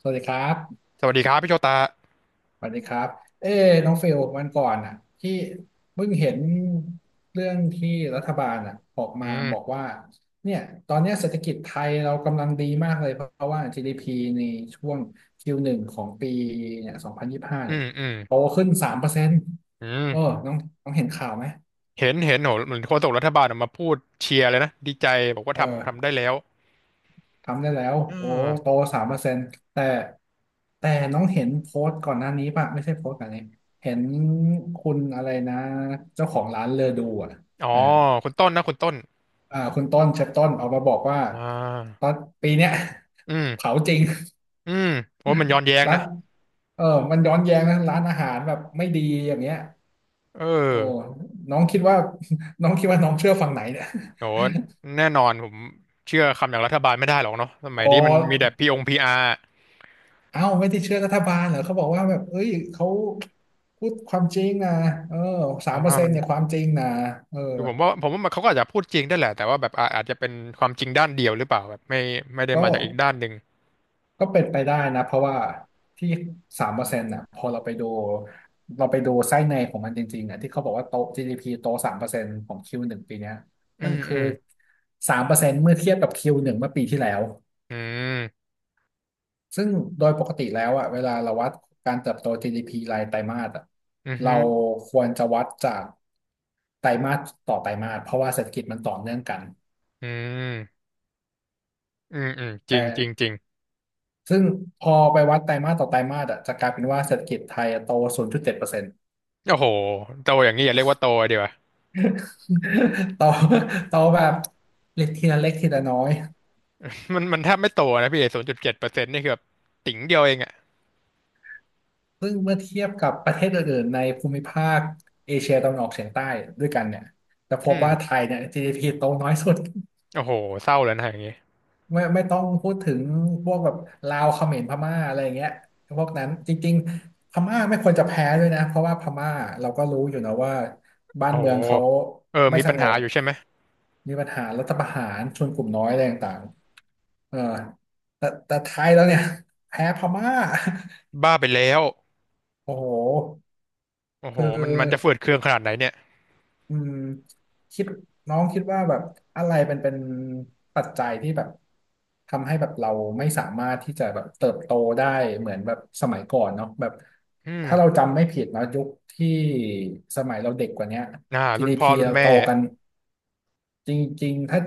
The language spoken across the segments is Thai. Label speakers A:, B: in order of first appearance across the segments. A: สวัสดีครับ
B: สวัสดีครับพี่โชตา
A: สวัสดีครับ เอ้น้องเฟลวันก่อนอ่ะ ที่เพิ่งเห็นเรื่องที่รัฐบาลอ่ะออก
B: อื
A: มาบอก
B: ม
A: ว่า เนี่ย ตอนเนี้ยเศรษฐกิจไทยเรากำลังดีมากเลยเพราะว่า GDP ในช่วง Q1 ของปีเนี่ย2025
B: อื
A: เนี่ย
B: มอืม
A: โตขึ้น3%
B: อืม
A: เปอร์เซ็นต์เออน้องน้องเห็นข่าวไหม
B: เห็นเห็นโหเหมือนโฆษกรัฐบาลออกมาพูดเชียร์เลยนะ ดีใจ บอกว่า
A: เอ
B: ทำทำได้
A: อ
B: แล้ว
A: ทำได้แล้ว
B: อ่
A: โอ้โต
B: า
A: 3%แต่แต่น้องเห็นโพสต์ก่อนหน้านี้ป่ะไม่ใช่โพสต์ก่อนนี้เห็นคุณอะไรนะ เจ้าของร้านเลอดูอ่ะ
B: อ๋อ
A: เออ
B: คุณต้นนะคุณต้น
A: อ่าคุณต้นเชฟต้นออกมาบอกว่า
B: อ่
A: ตอ
B: า
A: นปีเนี้ย
B: อืม
A: เผาจริง
B: อืมโอ้มันย้อนแย้ง
A: ร้าน
B: นะ
A: เออมันย้อนแย้งนะร้านอาหารแบบไม่ดีอย่างเงี้ย
B: เอ
A: โอ้
B: อ
A: น้องคิดว่า น้องคิดว่าน้องเชื่อฝั่งไหนเนี่ย
B: โห แน่นอนผมเชื่อคำอย่างรัฐบาลไม่ได้หรอกเนาะสมั
A: โอ
B: ยนี้มันมีแต่
A: ้
B: พีองพีอาร์
A: เอ้าไม่ได้เชื่อรัฐบาลเหรอเขาบอกว่าแบบเอ้ยเขาพูดความจริงนะเออสา
B: อ่า
A: มเปอร์เซ็น
B: มั
A: ต์
B: น
A: เนี่ยความจริงนะเออ
B: คือผมว่าผมว่ามันเขาก็อาจจะพูดจริงได้แหละ แต่ว่าแบบอาอาจจะเป็นความจริงด้านเดียวหรือเปล่าแบบไม่ไม่ได้
A: ก็
B: มาจากอีกด้านหนึ่ง
A: ก็เป็นไปได้นะเพราะว่าที่สามเปอร์เซ็นต์่ะพอเราไปดูไส้ในของมันจริงๆอ่ะที่เขาบอกว่าโต GDP โตสามเปอร์เซ็นต์ของ Q1ปีเนี้ย
B: อื
A: มัน
B: มอื
A: คือ
B: ม
A: สามเปอร์เซ็นต์เมื่อเทียบกับ Q หนึ่งเมื่อปีที่แล้ว
B: อืม
A: ซึ่งโดยปกติแล้วอะเวลาเราวัดการเติบโต GDP รายไตรมาสอะ
B: อือ
A: เรา
B: ฮึ
A: ควรจะวัดจากไตรมาสต่อไตรมาสเพราะว่าเศรษฐกิจมันต่อเนื่องกัน
B: อืมอืมอืมจริ
A: แต่
B: งจริงจริง
A: ซึ่งพอไปวัดไตรมาสต่อไตรมาสอะจะกลายเป็นว่าเศรษฐกิจไทยอะโต0.7%
B: โอ้โหโตอย่างนี้อย่าเรียกว่าโตดีกว่า
A: โตโตแบบเล็กทีละเล็กทีละน้อย
B: มันมันแทบไม่โตนะพี่ศูนย์จุดเจ็ดเปอร์เซ็นต์นี่คือแบบติ๋งเดียวเองอ่ะ
A: ซึ่งเมื่อเทียบกับประเทศอื่นๆในภูมิภาคเอเชียตะวันออกเฉียงใต้ด้วยกันเนี่ยจะพ
B: อื
A: บ
B: ม
A: ว่าไทยเนี่ย GDP โตน้อยสุด
B: โอ้โหเศร้าแล้วนะอย่างงี้
A: ไม่ต้องพูดถึงพวกแบบลาวเขมรพม่าอะไรอย่างเงี้ยพวกนั้นจริงๆพม่าไม่ควรจะแพ้ด้วยนะเพราะว่าพม่าเราก็รู้อยู่นะว่าบ้าน
B: โอ้
A: เมื
B: โห
A: องเขา
B: เออ
A: ไม่
B: มี
A: ส
B: ปัญ
A: ง
B: หา
A: บ
B: อยู่ใช่ไหม
A: มีปัญหารัฐประหารชนกลุ่มน้อยอะไรต่างๆเออแต่ไทยแล้วเนี่ยแพ้พม่า
B: บ้าไปแล้ว
A: โอ้โห
B: โอ้โห
A: คื
B: มันมันจะ
A: อ
B: เฟื่อเคืองขนาดไหนเนี่ย
A: อืมคิดน้องคิดว่าแบบอะไรเป็นปัจจัยที่แบบทำให้แบบเราไม่สามารถที่จะแบบเติบโตได้เหมือนแบบสมัยก่อนเนาะแบบ
B: อื
A: ถ้าเรา
B: ม
A: จำไม่ผิดเนาะยุคที่สมัยเราเด็กกว่าเนี้ย
B: น่ารุ่นพ่อ
A: GDP
B: รุ่น
A: เรา
B: แม่
A: โตกันจริงๆถ้า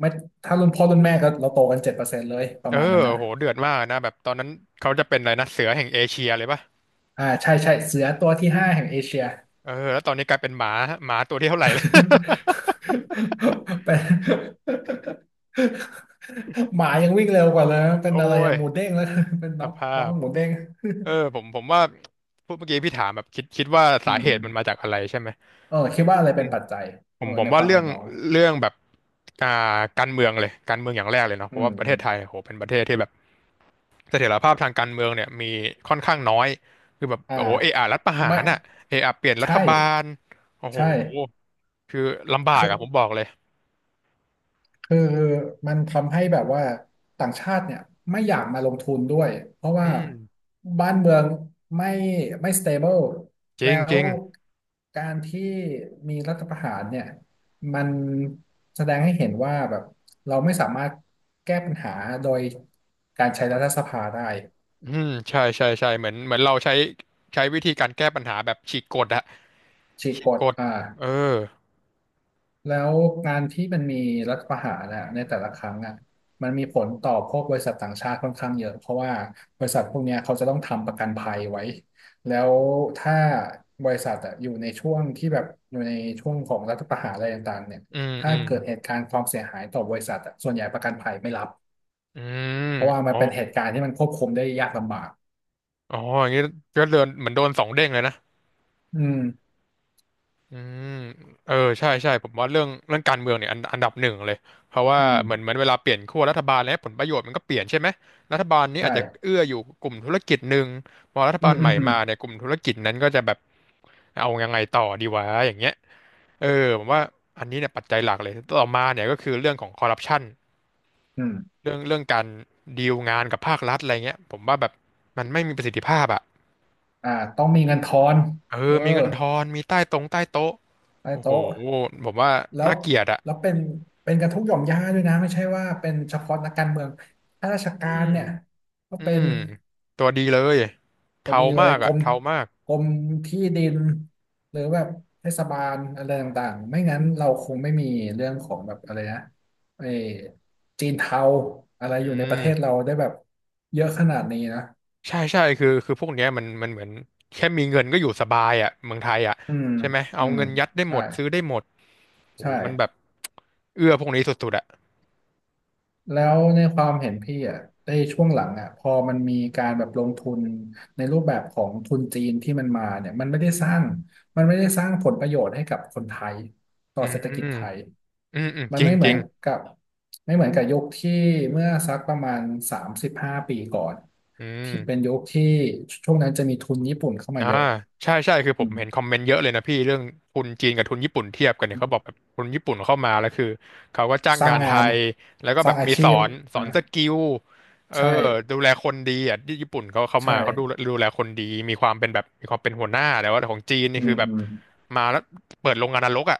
A: ไม่ถ้ารุ่นพ่อรุ่นแม่ก็เราโตกัน7%เลยป
B: เอ
A: ระ
B: อ
A: มาณนั้นนะ
B: โอ้โหเดือดมากนะแบบตอนนั้นเขาจะเป็นอะไรนะเสือแห่งเอเชียเลยป่ะ
A: อ่าใช่ใช่เสือตัวที่ห้าแห่งเอเชีย
B: เออแล้วตอนนี้กลายเป็นหมาหมาตัวที่เท่าไหร่แล้ว
A: เป็นหมายังวิ่งเร็วกว่าเลยนะเป็น
B: โอ้
A: อะไร
B: ย
A: อะหมูเด้งแล้ว เป็น
B: ส
A: น้อง
B: ภา
A: น้อง
B: พ
A: หมูเด้ง
B: เออผมผมว่าพูดเมื่อกี้พี่ถามแบบคิดคิดว่า
A: อื
B: สา
A: ม
B: เห
A: อื
B: ตุ
A: ม
B: มันมาจากอะไรใช่ไหม
A: เออคิดว่าอะไร
B: อื
A: เป็น
B: ม
A: ปัจจัย
B: ผ
A: เอ
B: ม
A: อ
B: ผม
A: ในค
B: ว่า
A: วาม
B: เรื่อ
A: เห็
B: ง
A: นน้อง
B: เรื่องแบบอ่าการเมืองเลยการเมืองอย่างแรกเลยเนาะเพ
A: อื
B: ราะ
A: ม
B: ว่าประ
A: อื
B: เท
A: ม
B: ศไทยโหเป็นประเทศที่แบบเสถียรภาพทางการเมืองเนี่ยมีค่อนข้างน้อยคือแบบ
A: อ่า
B: โอ้โหเออารัฐประหา
A: ไม่
B: รอ่ะเออาเปลี่ยนรั
A: ใช่
B: ฐบาลโอ้โห
A: ใช่
B: คือลำบาก
A: คือ
B: อะผมบอกเลย
A: คือมันทำให้แบบว่าต่างชาติเนี่ยไม่อยากมาลงทุนด้วยเพราะ
B: อื
A: ว่า
B: ม
A: บ้านเมืองไม่ไม่ stable
B: จริ
A: แล้
B: งจริ
A: ว
B: ง
A: การที่มีรัฐประหารเนี่ยมันแสดงให้เห็นว่าแบบเราไม่สามารถแก้ปัญหาโดยการใช้รัฐสภาได้
B: อืมใช่ใช่ใช่เหมือนเหมือนเราใช้ใช้วิธีการแก้ปัญหาแบบฉีกกฎอะ
A: ฉีก
B: ฉีก
A: ก
B: ก
A: ฎ
B: ฎ
A: อ่า
B: เออ
A: แล้วการที่มันมีรัฐประหารนะในแต่ละครั้งอ่ะมันมีผลต่อพวกบริษัทต่างชาติค่อนข้างเยอะเพราะว่าบริษัทพวกเนี้ยเขาจะต้องทำประกันภัยไว้แล้วถ้าบริษัทอะอยู่ในช่วงที่แบบอยู่ในช่วงของรัฐประหารอะไรต่างๆเนี่ย
B: อืม
A: ถ้า
B: อืม
A: เกิดเหตุการณ์ความเสียหายต่อบริษัทอะส่วนใหญ่ประกันภัยไม่รับ
B: อืม
A: เพราะว่ามั
B: อ๋
A: น
B: อ
A: เป็นเหตุการณ์ที่มันควบคุมได้ยากลำบาก
B: อ๋ออย่างนี้ก็เดินเหมือนโดนสองเด้งเลยนะ
A: อืม
B: อืมเออใช่ใช่ผมว่าเรื่องเรื่องการเมืองเนี่ยอันอันดับหนึ่งเลยเพราะว่า
A: อืม
B: เหมือนเหมือนเวลาเปลี่ยนขั้วรัฐบาลแล้วผลประโยชน์มันก็เปลี่ยนใช่ไหมรัฐบาลนี้
A: ใช่
B: อาจจะเอื้ออยู่กลุ่มธุรกิจหนึ่งพอรัฐ
A: อื
B: บา
A: ม
B: ลให
A: อืม
B: ม่
A: อืม
B: มาเนี่ยกลุ่มธุรกิจนั้นก็จะแบบเอายังไงต่อดีวะอย่างเงี้ยเออผมว่าอันนี้เนี่ยปัจจัยหลักเลยต่อมาเนี่ยก็คือเรื่องของคอร์รัปชัน
A: อืม
B: เรื่องเรื่องการดีลงานกับภาครัฐอะไรเงี้ยผมว่าแบบมันไม่มีประสิทธิภาพอะ
A: อ่าต้องมีเงินทอน
B: เอ
A: เอ
B: อ
A: อ
B: มีเงินทอน มีใต้ตรงใต้โต๊ะ
A: ใต้
B: โอ้โห
A: โต๊ะ
B: ผมว่า
A: แล้ว
B: น่าเกลียดอะ
A: แล้วเป็นเป็นกันทุกหย่อมย่าด้วยนะไม่ใช่ว่าเป็นเฉพาะนักการเมืองข้าราช
B: อื
A: การ
B: ม
A: เนี่ยก็
B: อื
A: เป็
B: ม
A: น
B: ตัวดีเลย
A: พอ
B: เทา
A: ดีเล
B: มา
A: ย
B: ก
A: ก
B: อะ
A: รม
B: เทามาก
A: กรมที่ดินหรือแบบเทศบาลอะไรต่างๆไม่งั้นเราคงไม่มีเรื่องของแบบอะไรนะไอ้จีนเทาอะไร
B: อื
A: อยู่ในประเทศเรา
B: ม
A: ได้แบบเยอะขนาดนี้นะ
B: ใช่ใช่คือคือพวกเนี้ยมันมันเหมือนแค่มีเงินก็อยู่สบายอะเมืองไทยอะ
A: อืม
B: ใช่ไหม เอา
A: อืม
B: เงินยัดได้หม
A: ใช่
B: ดซื้อได้หมดโอ้
A: ใช่
B: โหมันแบบเอื้อพวกนี้สุดๆอะ
A: แล้วในความเห็นพี่อ่ะในช่วงหลังอ่ะพอมันมีการแบบลงทุนในรูปแบบของทุนจีนที่มันมาเนี่ยมันไม่ได้สร้างผลประโยชน์ให้กับคนไทยต่
B: อื
A: อ
B: ม
A: เศรษฐกิจไทยมั
B: จ
A: น
B: ริ
A: ไม่
B: ง
A: เห
B: จ
A: มือ
B: ริ
A: น
B: ง
A: กับไม่เหมือนกับยุคที่เมื่อสักประมาณ35 ปีก่อน
B: อื
A: ที่
B: ม
A: เป็นยุคที่ช่วงนั้นจะมีทุนญี่ปุ่นเข้ามา
B: อ่า
A: เยอะ
B: ใช่ใช่คือผ
A: อื
B: ม
A: ม
B: เห็นคอมเมนต์เยอะเลยนะพี่เรื่องทุนจีนกับทุนญี่ปุ่นเทียบกันเนี่ยเขาบอกแบบทุนญี่ปุ่นเข้ามาแล้วคือเขาก็จ้าง
A: สร้า
B: งา
A: ง
B: นไท
A: งาน
B: ยแล้วก็
A: ส
B: แบ
A: ร้า
B: บ
A: งอา
B: มี
A: ชี
B: สอ
A: พ
B: นสอ
A: อ่า
B: นสกิลเออ
A: ใช่
B: ดูแลคนดีอ่ะที่ญี่ปุ่นเขาเขา
A: ใช่
B: มาเขาดูดูแลคนดีมีความเป็นแบบมีความเป็นหัวหน้าแต่ว่าของจีนนี่
A: อื
B: คือ
A: ม
B: แบบ
A: อืม
B: มาแล้วเปิดโรงงานนรกอ่ะ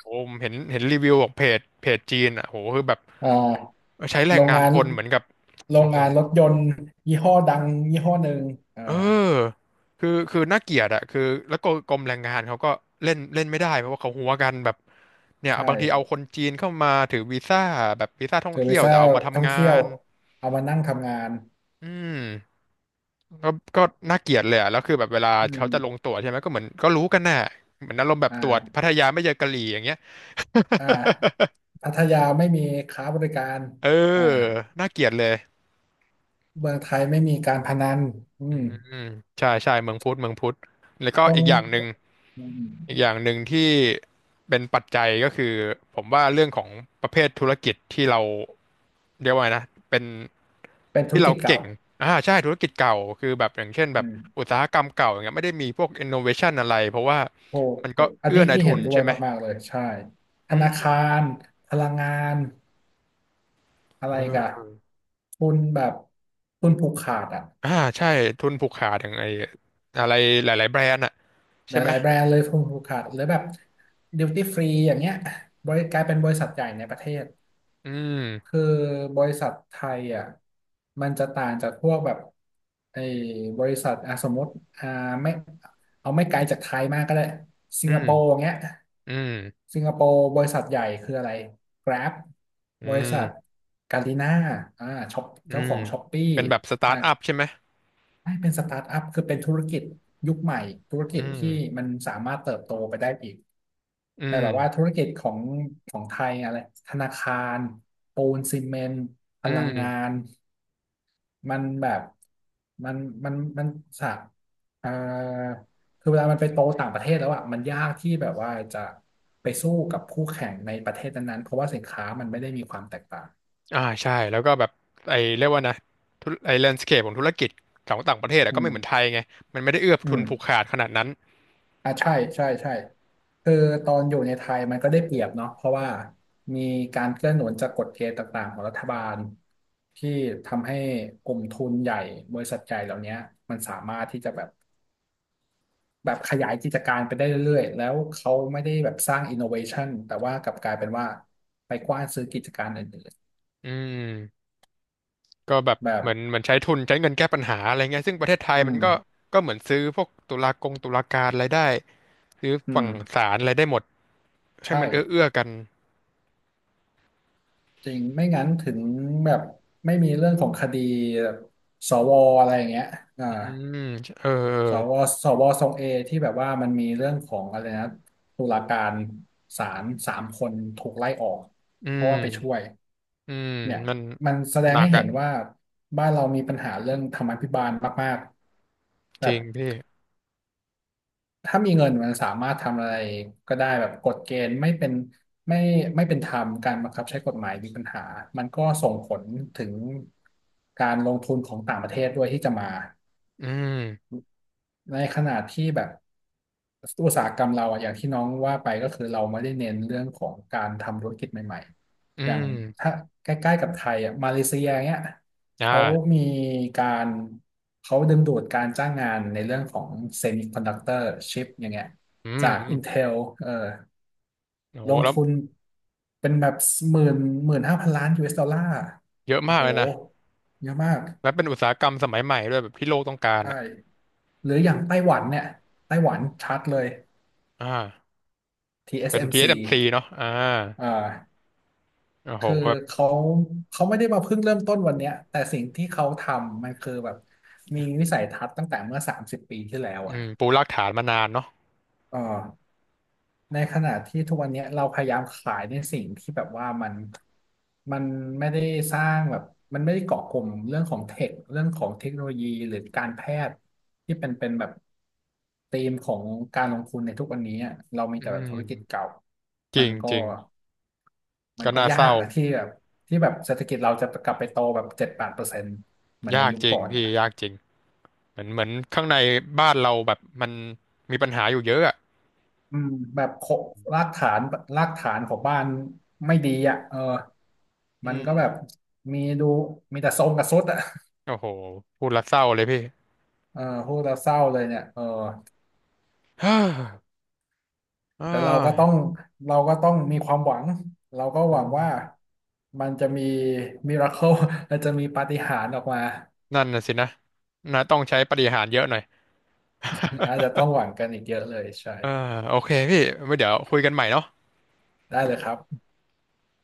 B: โอ้ผมเห็นเห็นรีวิวของเพจเพจจีนอ่ะโหคือแบบ
A: อ่า
B: ใช้แร
A: โร
B: ง
A: ง
B: งาน
A: งาน
B: คนเหมือนกับ
A: โร
B: โอ้
A: ง
B: โห
A: งานรถยนต์ยี่ห้อดังยี่ห้อหนึ่งอ่า
B: เออคือคือน่าเกลียดอะคือแล้วก็กรมแรงงานเขาก็เล่นเล่นไม่ได้เพราะว่าเขาหัวกันแบบเนี่ย
A: ใช่
B: บางทีเอาคนจีนเข้ามาถือวีซ่าแบบวีซ่าท่อ
A: เธ
B: ง
A: อไป
B: เที่ยว
A: ซ่า
B: แต่เอามา
A: ท่อ
B: ทำ
A: ง
B: งา
A: เที่ยว
B: น
A: เอามานั่งทำงาน
B: อืมก็ก็น่าเกลียดเลยอะแล้วคือแบบเวลา
A: อื
B: เขาจะลง
A: ม
B: ตรวจใช่ไหมก็เหมือนก็รู้กันน่ะเหมือนอารมณ์แบบ
A: อ่
B: ตรวจพั
A: า
B: ทยาไม่เจอกะหรี่อย่างเงี้ย
A: อ่า พัทยาไม่มีค้าบริการ
B: เออ
A: อ่า
B: น่าเกลียดเลย
A: เมืองไทยไม่มีการพนันอื
B: อื
A: ม
B: มใช่ใช่เมืองพุทธเมืองพุทธแล้วก็
A: ต้อง
B: อีกอย่างหนึ่ง
A: อืม
B: อีกอย่างหนึ่งที่เป็นปัจจัยก็คือผมว่าเรื่องของประเภทธุรกิจที่เราเรียกว่าไงนะเป็น
A: เป็นธุร
B: ที่เรา
A: กิจเก่า
B: เก่งใช่ธุรกิจเก่าคือแบบอย่างเช่นแบ
A: อื
B: บอุ
A: ม
B: ตสาหกรรมเก่าอย่างเงี้ยไม่ได้มีพวก innovation อะไรเพราะว่า
A: โอ้
B: มัน
A: โห
B: ก็
A: อัน
B: เอื้
A: นี้
B: อนาย
A: พี่
B: ทุ
A: เห็น
B: น
A: ด้วย
B: ใช่ไหม
A: มากๆเลย ใช่ ธ
B: อื
A: นาคา
B: ม
A: รพลังงานอะไรกะ
B: เออ
A: ทุนแบบทุนผูกขาดอ่ะ
B: อ่าใช่ทุนผูกขาดอย่างไออะไรหลายๆแบรนด์อะ
A: ห
B: ใช่ไหม
A: ลายๆแบรนด์เลยฟูกขาดหรือแบบดิวตี้ฟรีอย่างเงี้ยบริกลายเป็นบริษัทใหญ่ในประเทศ
B: อืม
A: คือบริษัทไทยอ่ะมันจะต่างจากพวกแบบไอ้บริษัทอ่ะสมมติอ่าไม่เอาไม่ไกลจากไทยมากก็ได้สิ
B: อื
A: งคโป
B: ม
A: ร์อย่างเงี้ย
B: อืม
A: สิงคโปร์บริษัทใหญ่คืออะไร Grab
B: อื
A: บริษัท
B: ม
A: กาลิน่าอ่าช็อป
B: อื
A: เจ้าข
B: ม
A: องช้อปปี้
B: เป็นแบบสตา
A: อ่า
B: ร์ทอัพใช่ไหม
A: ให้เป็นสตาร์ทอัพคือเป็นธุรกิจยุคใหม่ธุร
B: อื
A: กิจที่
B: ม
A: มันสามารถเติบโตไปได้อีก
B: อื
A: แต่แบบว่าธุ
B: ม
A: รกิจของของไทยอะไรธนาคารปูนซีเมนต์พ
B: อื
A: ลังงา
B: ม
A: นมันแบบมันมันสะเอ่อคือเวลามันไปโตต่างประเทศแล้วอ่ะมันยากที่แบบว่าจะไปสู้กับคู่แข่งในประเทศนั้นๆเพราะว่าสินค้ามันไม่ได้มีความแตกต่าง
B: ใช่แล้วก็แบบไอ้เรียกว่านะธุรไอ้แลนด์สเคปของธุรกิจของต่างประเทศอะ
A: อื
B: ก็ไม่
A: ม
B: เหมือนไทยไงมันไม่ได้เอื้อ
A: อื
B: ทุน
A: ม
B: ผูกขาดขนาดนั้น
A: อ่ะใช่ใช่ใช่คือตอนอยู่ในไทยมันก็ได้เปรียบเนาะเพราะว่ามีการเกื้อหนุนจากกฎเกณฑ์ต่างๆของรัฐบาลที่ทำให้กลุ่มทุนใหญ่บริษัทใหญ่เหล่านี้มันสามารถที่จะแบบแบบขยายกิจการไปได้เรื่อยๆแล้วเขาไม่ได้แบบสร้างอินโนเวชันแต่ว่ากลับกลายเป็นว่าไปกว้านซื้อกิจการอื่น
B: อืมก็แบบ
A: ๆแบบ
B: เหมือนเหมือนใช้ทุนใช้เงินแก้ปัญหาอะไรเงี้ยซึ่งประเทศไทย
A: อื
B: มันก็
A: ม
B: ก็เหมือนซื้อพวกตุลากงตุลาการอะไรได้ซื้อ
A: อื
B: ฝั่
A: ม
B: งศาลอะไรได้หมดให้
A: ใช่
B: มันเอื้อเอื้อกัน
A: จริงไม่งั้นถึงแบบไม่มีเรื่องของคดีแบบสวอะไรอย่างเงี้ยอ่า
B: อืมเออเออ
A: สวสวทรงเอที่แบบว่ามันมีเรื่องของอะไรนะตุลาการศาล3 คนถูกไล่ออก
B: อื
A: เพราะว่าไปช่วย
B: มอืม
A: เนี่ย
B: มัน
A: มันแสด
B: ห
A: ง
B: นัก
A: ให้เห็
B: อะ
A: นว่าบ้านเรามีปัญหาเรื่องธรรมาภิบาลมากๆแบ
B: จริ
A: บ
B: งพี่
A: ถ้ามีเงินมันสามารถทำอะไรก็ได้แบบกฎเกณฑ์ไม่เป็นไม่ไม่เป็นธรรมการบังคับใช้กฎหมายมีปัญหามันก็ส่งผลถึงการลงทุนของต่างประเทศด้วยที่จะมา
B: อืม
A: ในขณะที่แบบอุตสาหกรรมเราอะอย่างที่น้องว่าไปก็คือเราไม่ได้เน้นเรื่องของการทำธุรกิจใหม่
B: อื
A: ๆอย่าง
B: ม
A: ถ้าใกล้ๆกับไทยอะมาเลเซียเนี้ย
B: อ
A: เขา
B: ่า
A: มีการเขาดึงดูดการจ้างงานในเรื่องของเซมิคอนดักเตอร์ชิปอย่างเงี้ย
B: อืม
A: จาก
B: อืม
A: Intel เออ
B: โอ้โห
A: ลง
B: แล้ว
A: ทุนเป็นแบบหมื่นหมื่นห้าพันล้าน US ดอลลาร์
B: เยอะ
A: โอ้
B: มาก
A: โห
B: เลยนะ
A: เยอะมาก
B: และเป็นอุตสาหกรรมสมัยใหม่ด้วยแบบที่โลกต้องการ
A: ใช่
B: อ่ะ
A: หรืออย่างไต้หวันเนี่ยไต้หวันชัดเลย
B: อ่าเป็น
A: TSMC อสเอ็
B: TSMC
A: มซี
B: เอสเอ็มซีเนาะ
A: อ่า
B: โอ้โห
A: คือ
B: แบบ
A: เขาเขาไม่ได้มาเพิ่งเริ่มต้นวันเนี้ยแต่สิ่งที่เขาทำมันคือแบบมีวิสัยทัศน์ตั้งแต่เมื่อ30 ปีที่แล้วอ่ะ
B: ปูรากฐานมานานเนาะ
A: เออ ในขณะที่ทุกวันเนี้ยเราพยายามขายในสิ่งที่แบบว่ามันมันไม่ได้สร้างแบบมันไม่ได้เกาะกลุ่มเรื่องของเทคเรื่องของเทคโนโลยีหรือการแพทย์ที่เป็นเป็นแบบธีมของการลงทุนในทุกวันนี้อะเรามี
B: อื
A: แต่แบบธุรกิจ
B: ม
A: เก่า
B: จ
A: มั
B: ริ
A: น
B: ง
A: ก็
B: จริง
A: มัน
B: ก็
A: ก็
B: น่า
A: ยา
B: เศร้า
A: กนะที่แบบที่แบบเศรษฐกิจเราจะกลับไปโตแบบ7-8%เหมือนใน
B: ยาก
A: ยุค
B: จริง
A: ก่อน
B: พี่
A: อะ
B: ยากจริงเหมือนเหมือนข้างในบ้านเราแบบมันมีปัญหาอยู่เยอะอ่ะ
A: อืมแบบโครากฐานรากฐานของบ้านไม่ดีอ่ะเออ
B: อื
A: มันก็แบบ
B: ม
A: มีดูมีแต่ทรงกับทรุดอ่ะ
B: โอ้โหพูดและเศร้าเลยพี่
A: เออพูดแล้วเศร้าเลยเนี่ยเออ
B: ฮ่าอ่
A: แต่เราก็ต้อง
B: า
A: เราก็ต้องมีความหวังเราก็
B: อื
A: หวังว่า
B: ม
A: มันจะมีมิราเคิลมันจะมีปาฏิหาริย์ออกมา
B: นั่นน่ะสินะนะต้องใช้ปาฏิหาริย์เยอะหน่อย
A: อาจจะ ต้องหวังกันอีกเยอะเลยใช่
B: เออโอเคพี่ไว้เดี๋ยวคุยกันใหม่เนาะ
A: ได้เลยครับ